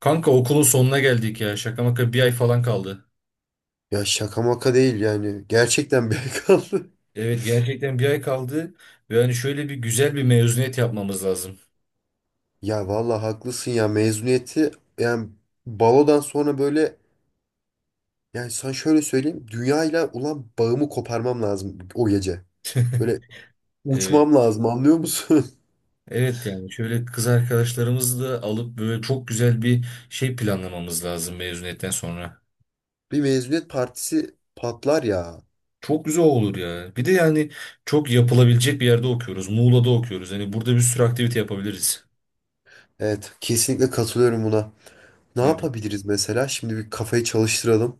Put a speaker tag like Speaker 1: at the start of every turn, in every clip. Speaker 1: Kanka okulun sonuna geldik ya. Şaka maka bir ay falan kaldı.
Speaker 2: Ya şaka maka değil yani. Gerçekten bel kaldı.
Speaker 1: Evet gerçekten bir ay kaldı. Ve hani şöyle bir güzel bir mezuniyet yapmamız lazım.
Speaker 2: Ya vallahi haklısın ya mezuniyeti yani balodan sonra böyle yani sana şöyle söyleyeyim dünyayla ulan bağımı koparmam lazım o gece. Böyle
Speaker 1: Evet.
Speaker 2: uçmam lazım, anlıyor musun?
Speaker 1: Evet yani şöyle kız arkadaşlarımızı da alıp böyle çok güzel bir şey planlamamız lazım mezuniyetten sonra.
Speaker 2: Bir mezuniyet partisi patlar ya.
Speaker 1: Çok güzel olur ya. Bir de yani çok yapılabilecek bir yerde okuyoruz. Muğla'da okuyoruz. Hani burada bir sürü aktivite yapabiliriz.
Speaker 2: Evet, kesinlikle katılıyorum buna. Ne
Speaker 1: Evet.
Speaker 2: yapabiliriz mesela? Şimdi bir kafayı çalıştıralım.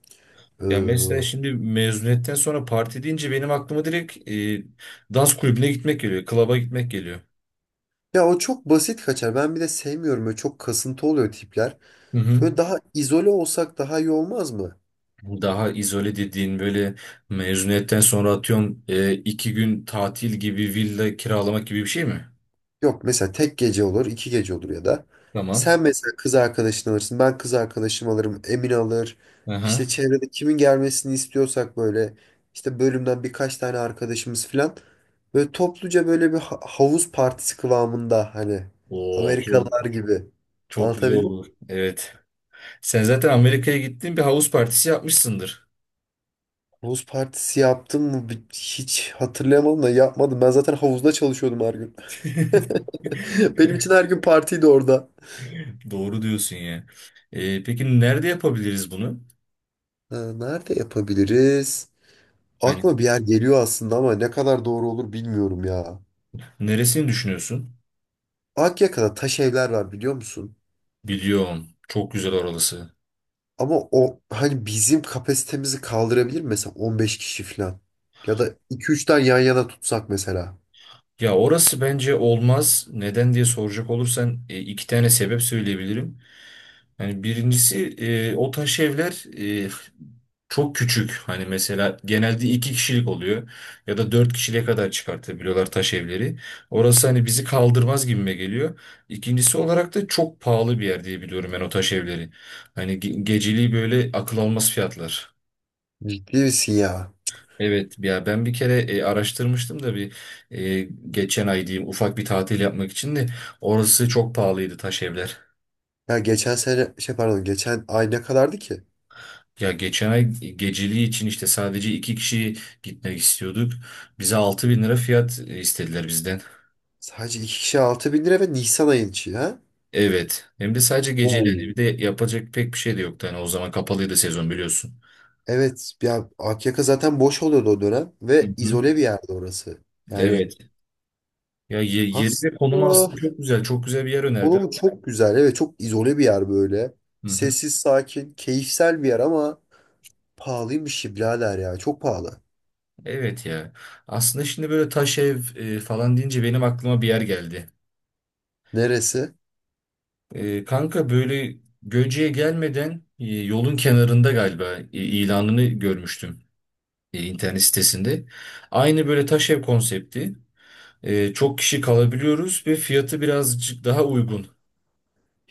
Speaker 2: Ee,
Speaker 1: Ya mesela şimdi mezuniyetten sonra parti deyince benim aklıma direkt dans kulübüne gitmek geliyor. Klaba gitmek geliyor.
Speaker 2: Ya o çok basit kaçar. Ben bir de sevmiyorum. Böyle çok kasıntı oluyor tipler.
Speaker 1: Hı hı.
Speaker 2: Böyle daha izole olsak daha iyi olmaz mı?
Speaker 1: Daha izole dediğin böyle mezuniyetten sonra atıyorum 2 gün tatil gibi villa kiralamak gibi bir şey mi?
Speaker 2: Yok, mesela tek gece olur, iki gece olur ya da. Sen,
Speaker 1: Tamam.
Speaker 2: tamam, mesela kız arkadaşını alırsın, ben kız arkadaşımı alırım, Emin alır.
Speaker 1: Aha.
Speaker 2: İşte çevrede kimin gelmesini istiyorsak, böyle işte bölümden birkaç tane arkadaşımız falan. Böyle topluca böyle bir havuz partisi kıvamında, hani
Speaker 1: Oo, çok,
Speaker 2: Amerikalılar gibi.
Speaker 1: çok güzel
Speaker 2: Anlatabildim mi?
Speaker 1: olur. Evet. Sen zaten Amerika'ya gittin bir havuz partisi yapmışsındır.
Speaker 2: Havuz partisi yaptım mı? Hiç hatırlayamadım da yapmadım. Ben zaten havuzda çalışıyordum her gün. Benim için her gün partiydi orada.
Speaker 1: Doğru diyorsun ya. Peki nerede yapabiliriz bunu?
Speaker 2: Ha, nerede yapabiliriz?
Speaker 1: Hani
Speaker 2: Aklıma bir yer geliyor aslında ama ne kadar doğru olur bilmiyorum ya.
Speaker 1: neresini düşünüyorsun?
Speaker 2: Akyaka'da taş evler var, biliyor musun?
Speaker 1: Biliyorum. Çok güzel oralısı.
Speaker 2: Ama o, hani bizim kapasitemizi kaldırabilir mi? Mesela 15 kişi falan. Ya da iki üç tane yan yana tutsak mesela.
Speaker 1: Ya orası bence olmaz. Neden diye soracak olursan iki tane sebep söyleyebilirim. Yani birincisi o taş evler e, çok küçük. Hani mesela genelde iki kişilik oluyor ya da dört kişiliğe kadar çıkartabiliyorlar taş evleri. Orası hani bizi kaldırmaz gibime geliyor. İkincisi olarak da çok pahalı bir yer diye biliyorum ben o taş evleri. Hani geceliği böyle akıl almaz fiyatlar.
Speaker 2: Ciddi misin ya?
Speaker 1: Evet ya ben bir kere araştırmıştım da bir geçen ay diyeyim ufak bir tatil yapmak için de orası çok pahalıydı taş evler.
Speaker 2: Ya geçen sene, şey, pardon, geçen ay ne kadardı ki?
Speaker 1: Ya geçen ay geceliği için işte sadece iki kişi gitmek istiyorduk. Bize 6.000 lira fiyat istediler bizden.
Speaker 2: Sadece 2 kişi 6.000 lira ve Nisan ayın içi ha?
Speaker 1: Evet. Hem de sadece geceliğini.
Speaker 2: Oo.
Speaker 1: Bir de yapacak pek bir şey de yoktu. Hani o zaman kapalıydı sezon biliyorsun.
Speaker 2: Evet ya, Akyaka zaten boş oluyordu o dönem
Speaker 1: Hı
Speaker 2: ve
Speaker 1: hı.
Speaker 2: izole bir yerde orası. Yani
Speaker 1: Evet. Ya yeri ve konumu
Speaker 2: aslında
Speaker 1: aslında çok güzel. Çok güzel bir yer önerdi.
Speaker 2: konumu çok güzel. Ve çok izole bir yer böyle.
Speaker 1: Hı hı.
Speaker 2: Sessiz, sakin, keyifsel bir yer ama pahalıymış ya birader ya. Çok pahalı.
Speaker 1: Evet ya. Aslında şimdi böyle taş ev falan deyince benim aklıma bir yer geldi.
Speaker 2: Neresi?
Speaker 1: Kanka böyle Göce'ye gelmeden yolun kenarında galiba ilanını görmüştüm. E, internet sitesinde. Aynı böyle taş ev konsepti. Çok kişi kalabiliyoruz ve fiyatı birazcık daha uygun.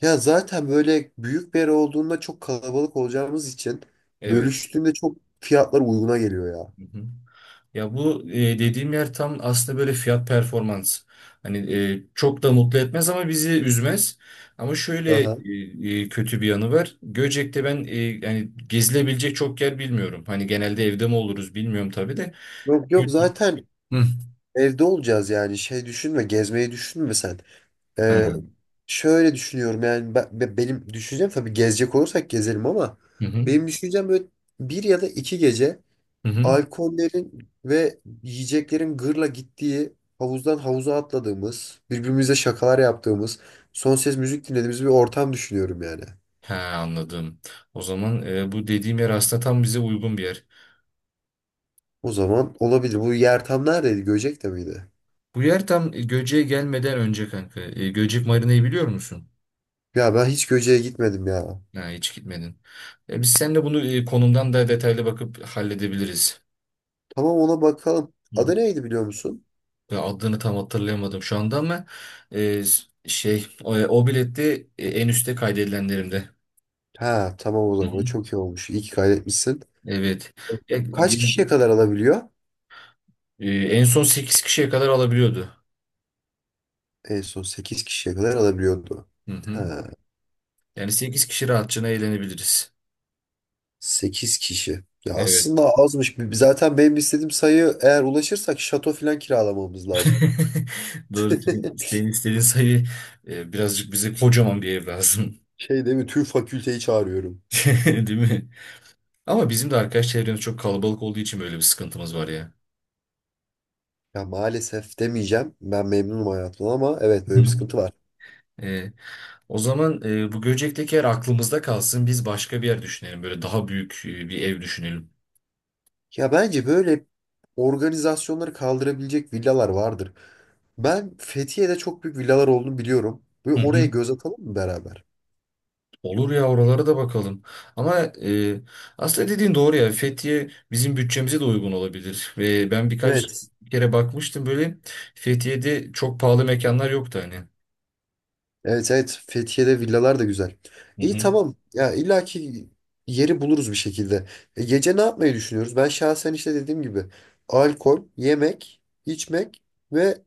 Speaker 2: Ya zaten böyle büyük bir yer olduğunda çok kalabalık olacağımız için,
Speaker 1: Evet.
Speaker 2: bölüştüğünde çok fiyatlar uyguna geliyor ya.
Speaker 1: Hı hı. Ya bu dediğim yer tam aslında böyle fiyat performans. Hani çok da mutlu etmez ama bizi üzmez. Ama şöyle
Speaker 2: Aha.
Speaker 1: kötü bir yanı var. Göcek'te ben yani gezilebilecek çok yer bilmiyorum. Hani genelde evde mi oluruz bilmiyorum tabii de.
Speaker 2: Yok yok,
Speaker 1: Gö-
Speaker 2: zaten
Speaker 1: Hı.
Speaker 2: evde olacağız yani. Şey düşünme, gezmeyi düşünme sen. Ee,
Speaker 1: Ha.
Speaker 2: Şöyle düşünüyorum yani, benim düşüncem tabii gezecek olursak gezelim ama
Speaker 1: Hı hı.
Speaker 2: benim düşüncem böyle bir ya da iki gece
Speaker 1: Hı hı.
Speaker 2: alkollerin ve yiyeceklerin gırla gittiği, havuzdan havuza atladığımız, birbirimize şakalar yaptığımız, son ses müzik dinlediğimiz bir ortam düşünüyorum yani.
Speaker 1: He anladım. O zaman bu dediğim yer aslında tam bize uygun bir yer.
Speaker 2: O zaman olabilir. Bu yer tam neredeydi? Göcek'te miydi?
Speaker 1: Bu yer tam Göcek'e gelmeden önce kanka. Göcek Marina'yı biliyor musun?
Speaker 2: Ya ben hiç Göcek'e gitmedim ya.
Speaker 1: Ha, hiç gitmedin. Biz seninle bunu konumdan da detaylı bakıp halledebiliriz.
Speaker 2: Tamam, ona bakalım.
Speaker 1: Hı
Speaker 2: Adı
Speaker 1: hı.
Speaker 2: neydi, biliyor musun?
Speaker 1: Ve adını tam hatırlayamadım şu anda ama şey o bilette en üstte kaydedilenlerimde.
Speaker 2: Ha tamam, o
Speaker 1: Hı
Speaker 2: zaman
Speaker 1: hı.
Speaker 2: çok iyi olmuş. İyi ki kaydetmişsin.
Speaker 1: Evet. Ya,
Speaker 2: Kaç kişiye kadar alabiliyor?
Speaker 1: e, en son 8 kişiye kadar alabiliyordu.
Speaker 2: En son 8 kişiye kadar alabiliyordu.
Speaker 1: Hı hı.
Speaker 2: Ha.
Speaker 1: Yani 8 kişi rahatçına eğlenebiliriz.
Speaker 2: 8 kişi. Ya
Speaker 1: Evet.
Speaker 2: aslında azmış. Zaten benim istediğim sayı eğer ulaşırsak şato falan kiralamamız lazım.
Speaker 1: Doğru. Senin, senin istediğin sayı birazcık bize kocaman bir ev lazım.
Speaker 2: Şey değil mi? Tüm fakülteyi çağırıyorum.
Speaker 1: Değil mi? Ama bizim de arkadaş çevremiz çok kalabalık olduğu için böyle bir sıkıntımız var ya.
Speaker 2: Ya maalesef demeyeceğim. Ben memnunum hayatımdan ama evet, böyle bir
Speaker 1: Hı.
Speaker 2: sıkıntı var.
Speaker 1: E, O zaman bu Göcek'teki yer aklımızda kalsın. Biz başka bir yer düşünelim. Böyle daha büyük bir ev düşünelim.
Speaker 2: Ya bence böyle organizasyonları kaldırabilecek villalar vardır. Ben Fethiye'de çok büyük villalar olduğunu biliyorum. Böyle
Speaker 1: Hı
Speaker 2: oraya
Speaker 1: hı.
Speaker 2: göz atalım mı beraber?
Speaker 1: Olur ya oralara da bakalım. Ama aslında dediğin doğru ya. Fethiye bizim bütçemize de uygun olabilir. Ve ben birkaç
Speaker 2: Evet.
Speaker 1: kere bakmıştım böyle Fethiye'de çok pahalı mekanlar yoktu hani.
Speaker 2: Evet, evet, Fethiye'de villalar da güzel.
Speaker 1: Hı
Speaker 2: İyi,
Speaker 1: hı.
Speaker 2: tamam ya, illaki yeri buluruz bir şekilde. E, gece ne yapmayı düşünüyoruz? Ben şahsen işte dediğim gibi alkol, yemek, içmek ve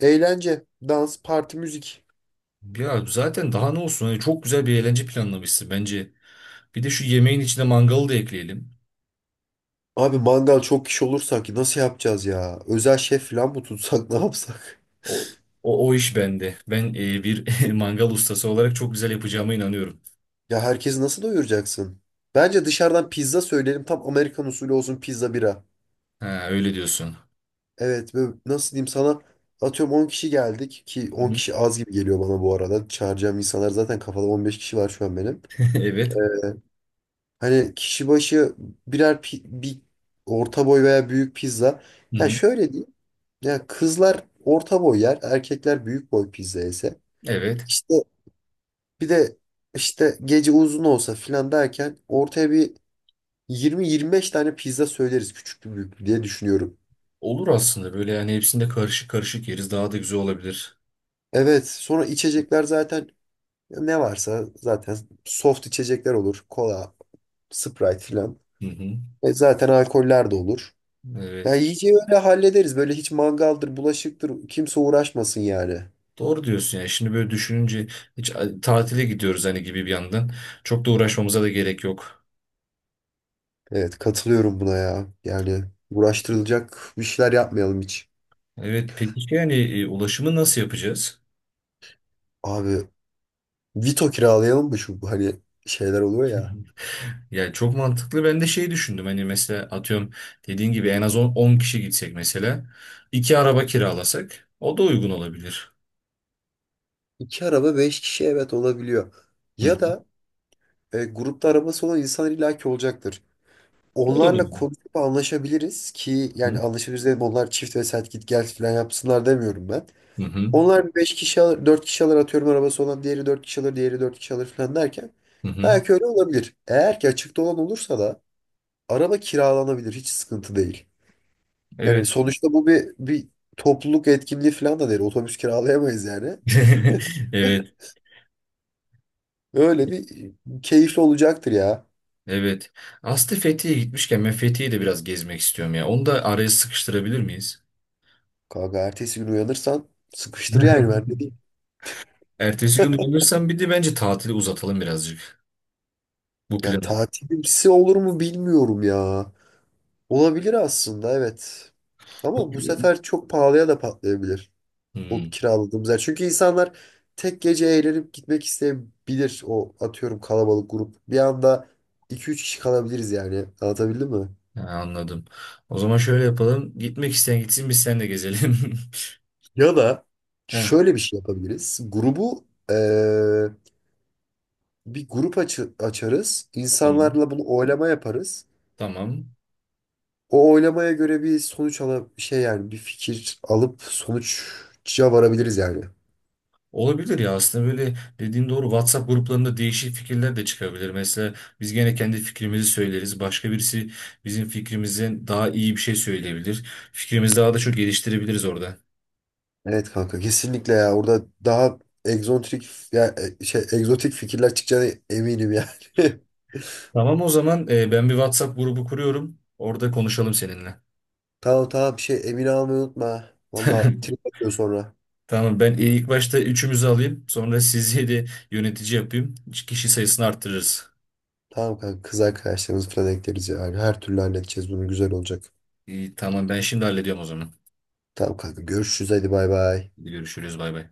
Speaker 2: eğlence, dans, parti, müzik.
Speaker 1: Ya zaten daha ne olsun? Hani çok güzel bir eğlence planlamışsın bence. Bir de şu yemeğin içine mangalı da ekleyelim.
Speaker 2: Abi mangal çok kişi olursak nasıl yapacağız ya? Özel şef falan mı tutsak ne yapsak?
Speaker 1: O o iş bende. Ben bir mangal ustası olarak çok güzel yapacağıma inanıyorum.
Speaker 2: Ya herkesi nasıl doyuracaksın? Bence dışarıdan pizza söyleyelim, tam Amerikan usulü olsun, pizza bira.
Speaker 1: Ha öyle diyorsun.
Speaker 2: Evet ve nasıl diyeyim sana, atıyorum 10 kişi geldik ki on
Speaker 1: Hı
Speaker 2: kişi az gibi geliyor bana bu arada. Çağıracağım insanlar zaten kafada 15 kişi var şu an benim. Ee,
Speaker 1: Evet.
Speaker 2: hani kişi başı bir orta boy veya büyük pizza.
Speaker 1: Hı
Speaker 2: Ya
Speaker 1: hı.
Speaker 2: şöyle diyeyim. Ya kızlar orta boy yer, erkekler büyük boy pizza yese.
Speaker 1: Evet.
Speaker 2: İşte bir de işte gece uzun olsa filan derken ortaya bir 20-25 tane pizza söyleriz, küçüklü büyüklü diye düşünüyorum.
Speaker 1: Olur aslında böyle yani hepsinde karışık karışık yeriz daha da güzel olabilir.
Speaker 2: Evet, sonra içecekler zaten. Ya ne varsa zaten soft içecekler olur. Kola, Sprite filan.
Speaker 1: Hı hı.
Speaker 2: E zaten alkoller de olur. Ya
Speaker 1: Evet.
Speaker 2: iyice öyle hallederiz. Böyle hiç mangaldır, bulaşıktır. Kimse uğraşmasın yani.
Speaker 1: Doğru diyorsun yani şimdi böyle düşününce hiç tatile gidiyoruz hani gibi bir yandan. Çok da uğraşmamıza da gerek yok.
Speaker 2: Evet, katılıyorum buna ya. Yani uğraştırılacak bir şeyler yapmayalım hiç.
Speaker 1: Evet peki yani ulaşımı nasıl yapacağız?
Speaker 2: Abi Vito kiralayalım mı şu, hani şeyler oluyor ya.
Speaker 1: Yani çok mantıklı. Ben de şey düşündüm. Hani mesela atıyorum dediğin gibi en az 10 kişi gitsek mesela. İki araba kiralasak o da uygun olabilir.
Speaker 2: İki araba beş kişi, evet, olabiliyor.
Speaker 1: Hı hı.
Speaker 2: Ya da grupta arabası olan insan illaki olacaktır.
Speaker 1: O da bu.
Speaker 2: Onlarla konuşup anlaşabiliriz ki, yani
Speaker 1: Hı
Speaker 2: anlaşabiliriz dedim, onlar çift ve set git gel falan yapsınlar demiyorum ben.
Speaker 1: hı.
Speaker 2: Onlar 5 kişi alır, 4 kişi alır, atıyorum arabası olan diğeri 4 kişi alır, diğeri 4 kişi alır falan derken
Speaker 1: Hı hı.
Speaker 2: belki öyle olabilir. Eğer ki açıkta olan olursa da araba kiralanabilir, hiç sıkıntı değil. Yani
Speaker 1: Evet.
Speaker 2: sonuçta bu bir topluluk etkinliği falan da değil. Otobüs kiralayamayız yani.
Speaker 1: Evet.
Speaker 2: Öyle bir keyifli olacaktır ya.
Speaker 1: Evet. Aslı Fethiye'ye gitmişken ben Fethiye'yi de biraz gezmek istiyorum ya. Onu da araya sıkıştırabilir miyiz?
Speaker 2: Kanka ertesi gün uyanırsan sıkıştır yani, ben de diyeyim.
Speaker 1: Ertesi gün dönürsem bir de bence tatili uzatalım birazcık. Bu plan.
Speaker 2: Yani tatilimsi olur mu bilmiyorum ya. Olabilir aslında, evet.
Speaker 1: Bu
Speaker 2: Ama bu
Speaker 1: plan.
Speaker 2: sefer çok pahalıya da patlayabilir. O
Speaker 1: Hmm,
Speaker 2: kiraladığımız yer. Çünkü insanlar tek gece eğlenip gitmek isteyebilir. O atıyorum kalabalık grup. Bir anda iki üç kişi kalabiliriz yani. Anlatabildim mi?
Speaker 1: ha, anladım. O zaman şöyle yapalım. Gitmek isteyen gitsin biz seninle gezelim.
Speaker 2: Ya da
Speaker 1: He,
Speaker 2: şöyle bir şey yapabiliriz. Grubu bir grup açarız.
Speaker 1: tamam.
Speaker 2: İnsanlarla bunu oylama yaparız.
Speaker 1: Tamam.
Speaker 2: O oylamaya göre bir sonuç alıp şey, yani bir fikir alıp sonuca varabiliriz yani.
Speaker 1: Olabilir ya aslında böyle dediğin doğru WhatsApp gruplarında değişik fikirler de çıkabilir. Mesela biz gene kendi fikrimizi söyleriz. Başka birisi bizim fikrimizden daha iyi bir şey söyleyebilir. Fikrimizi daha da çok geliştirebiliriz orada.
Speaker 2: Evet kanka, kesinlikle ya. Orada daha egzotik ya e, şey egzotik fikirler çıkacağına eminim yani.
Speaker 1: Tamam o zaman ben bir WhatsApp grubu kuruyorum. Orada konuşalım seninle.
Speaker 2: Tamam tamam, bir şey emin almayı unutma. Valla trip atıyor sonra.
Speaker 1: Tamam ben ilk başta üçümüzü alayım. Sonra sizi de yönetici yapayım. Kişi sayısını arttırırız.
Speaker 2: Tamam kanka, kız arkadaşlarımız falan ekleriz yani. Her türlü halledeceğiz bunu, güzel olacak.
Speaker 1: İyi, tamam ben şimdi hallediyorum o zaman.
Speaker 2: Tamam kanka, görüşürüz, hadi bay bay.
Speaker 1: Hadi görüşürüz bay bay.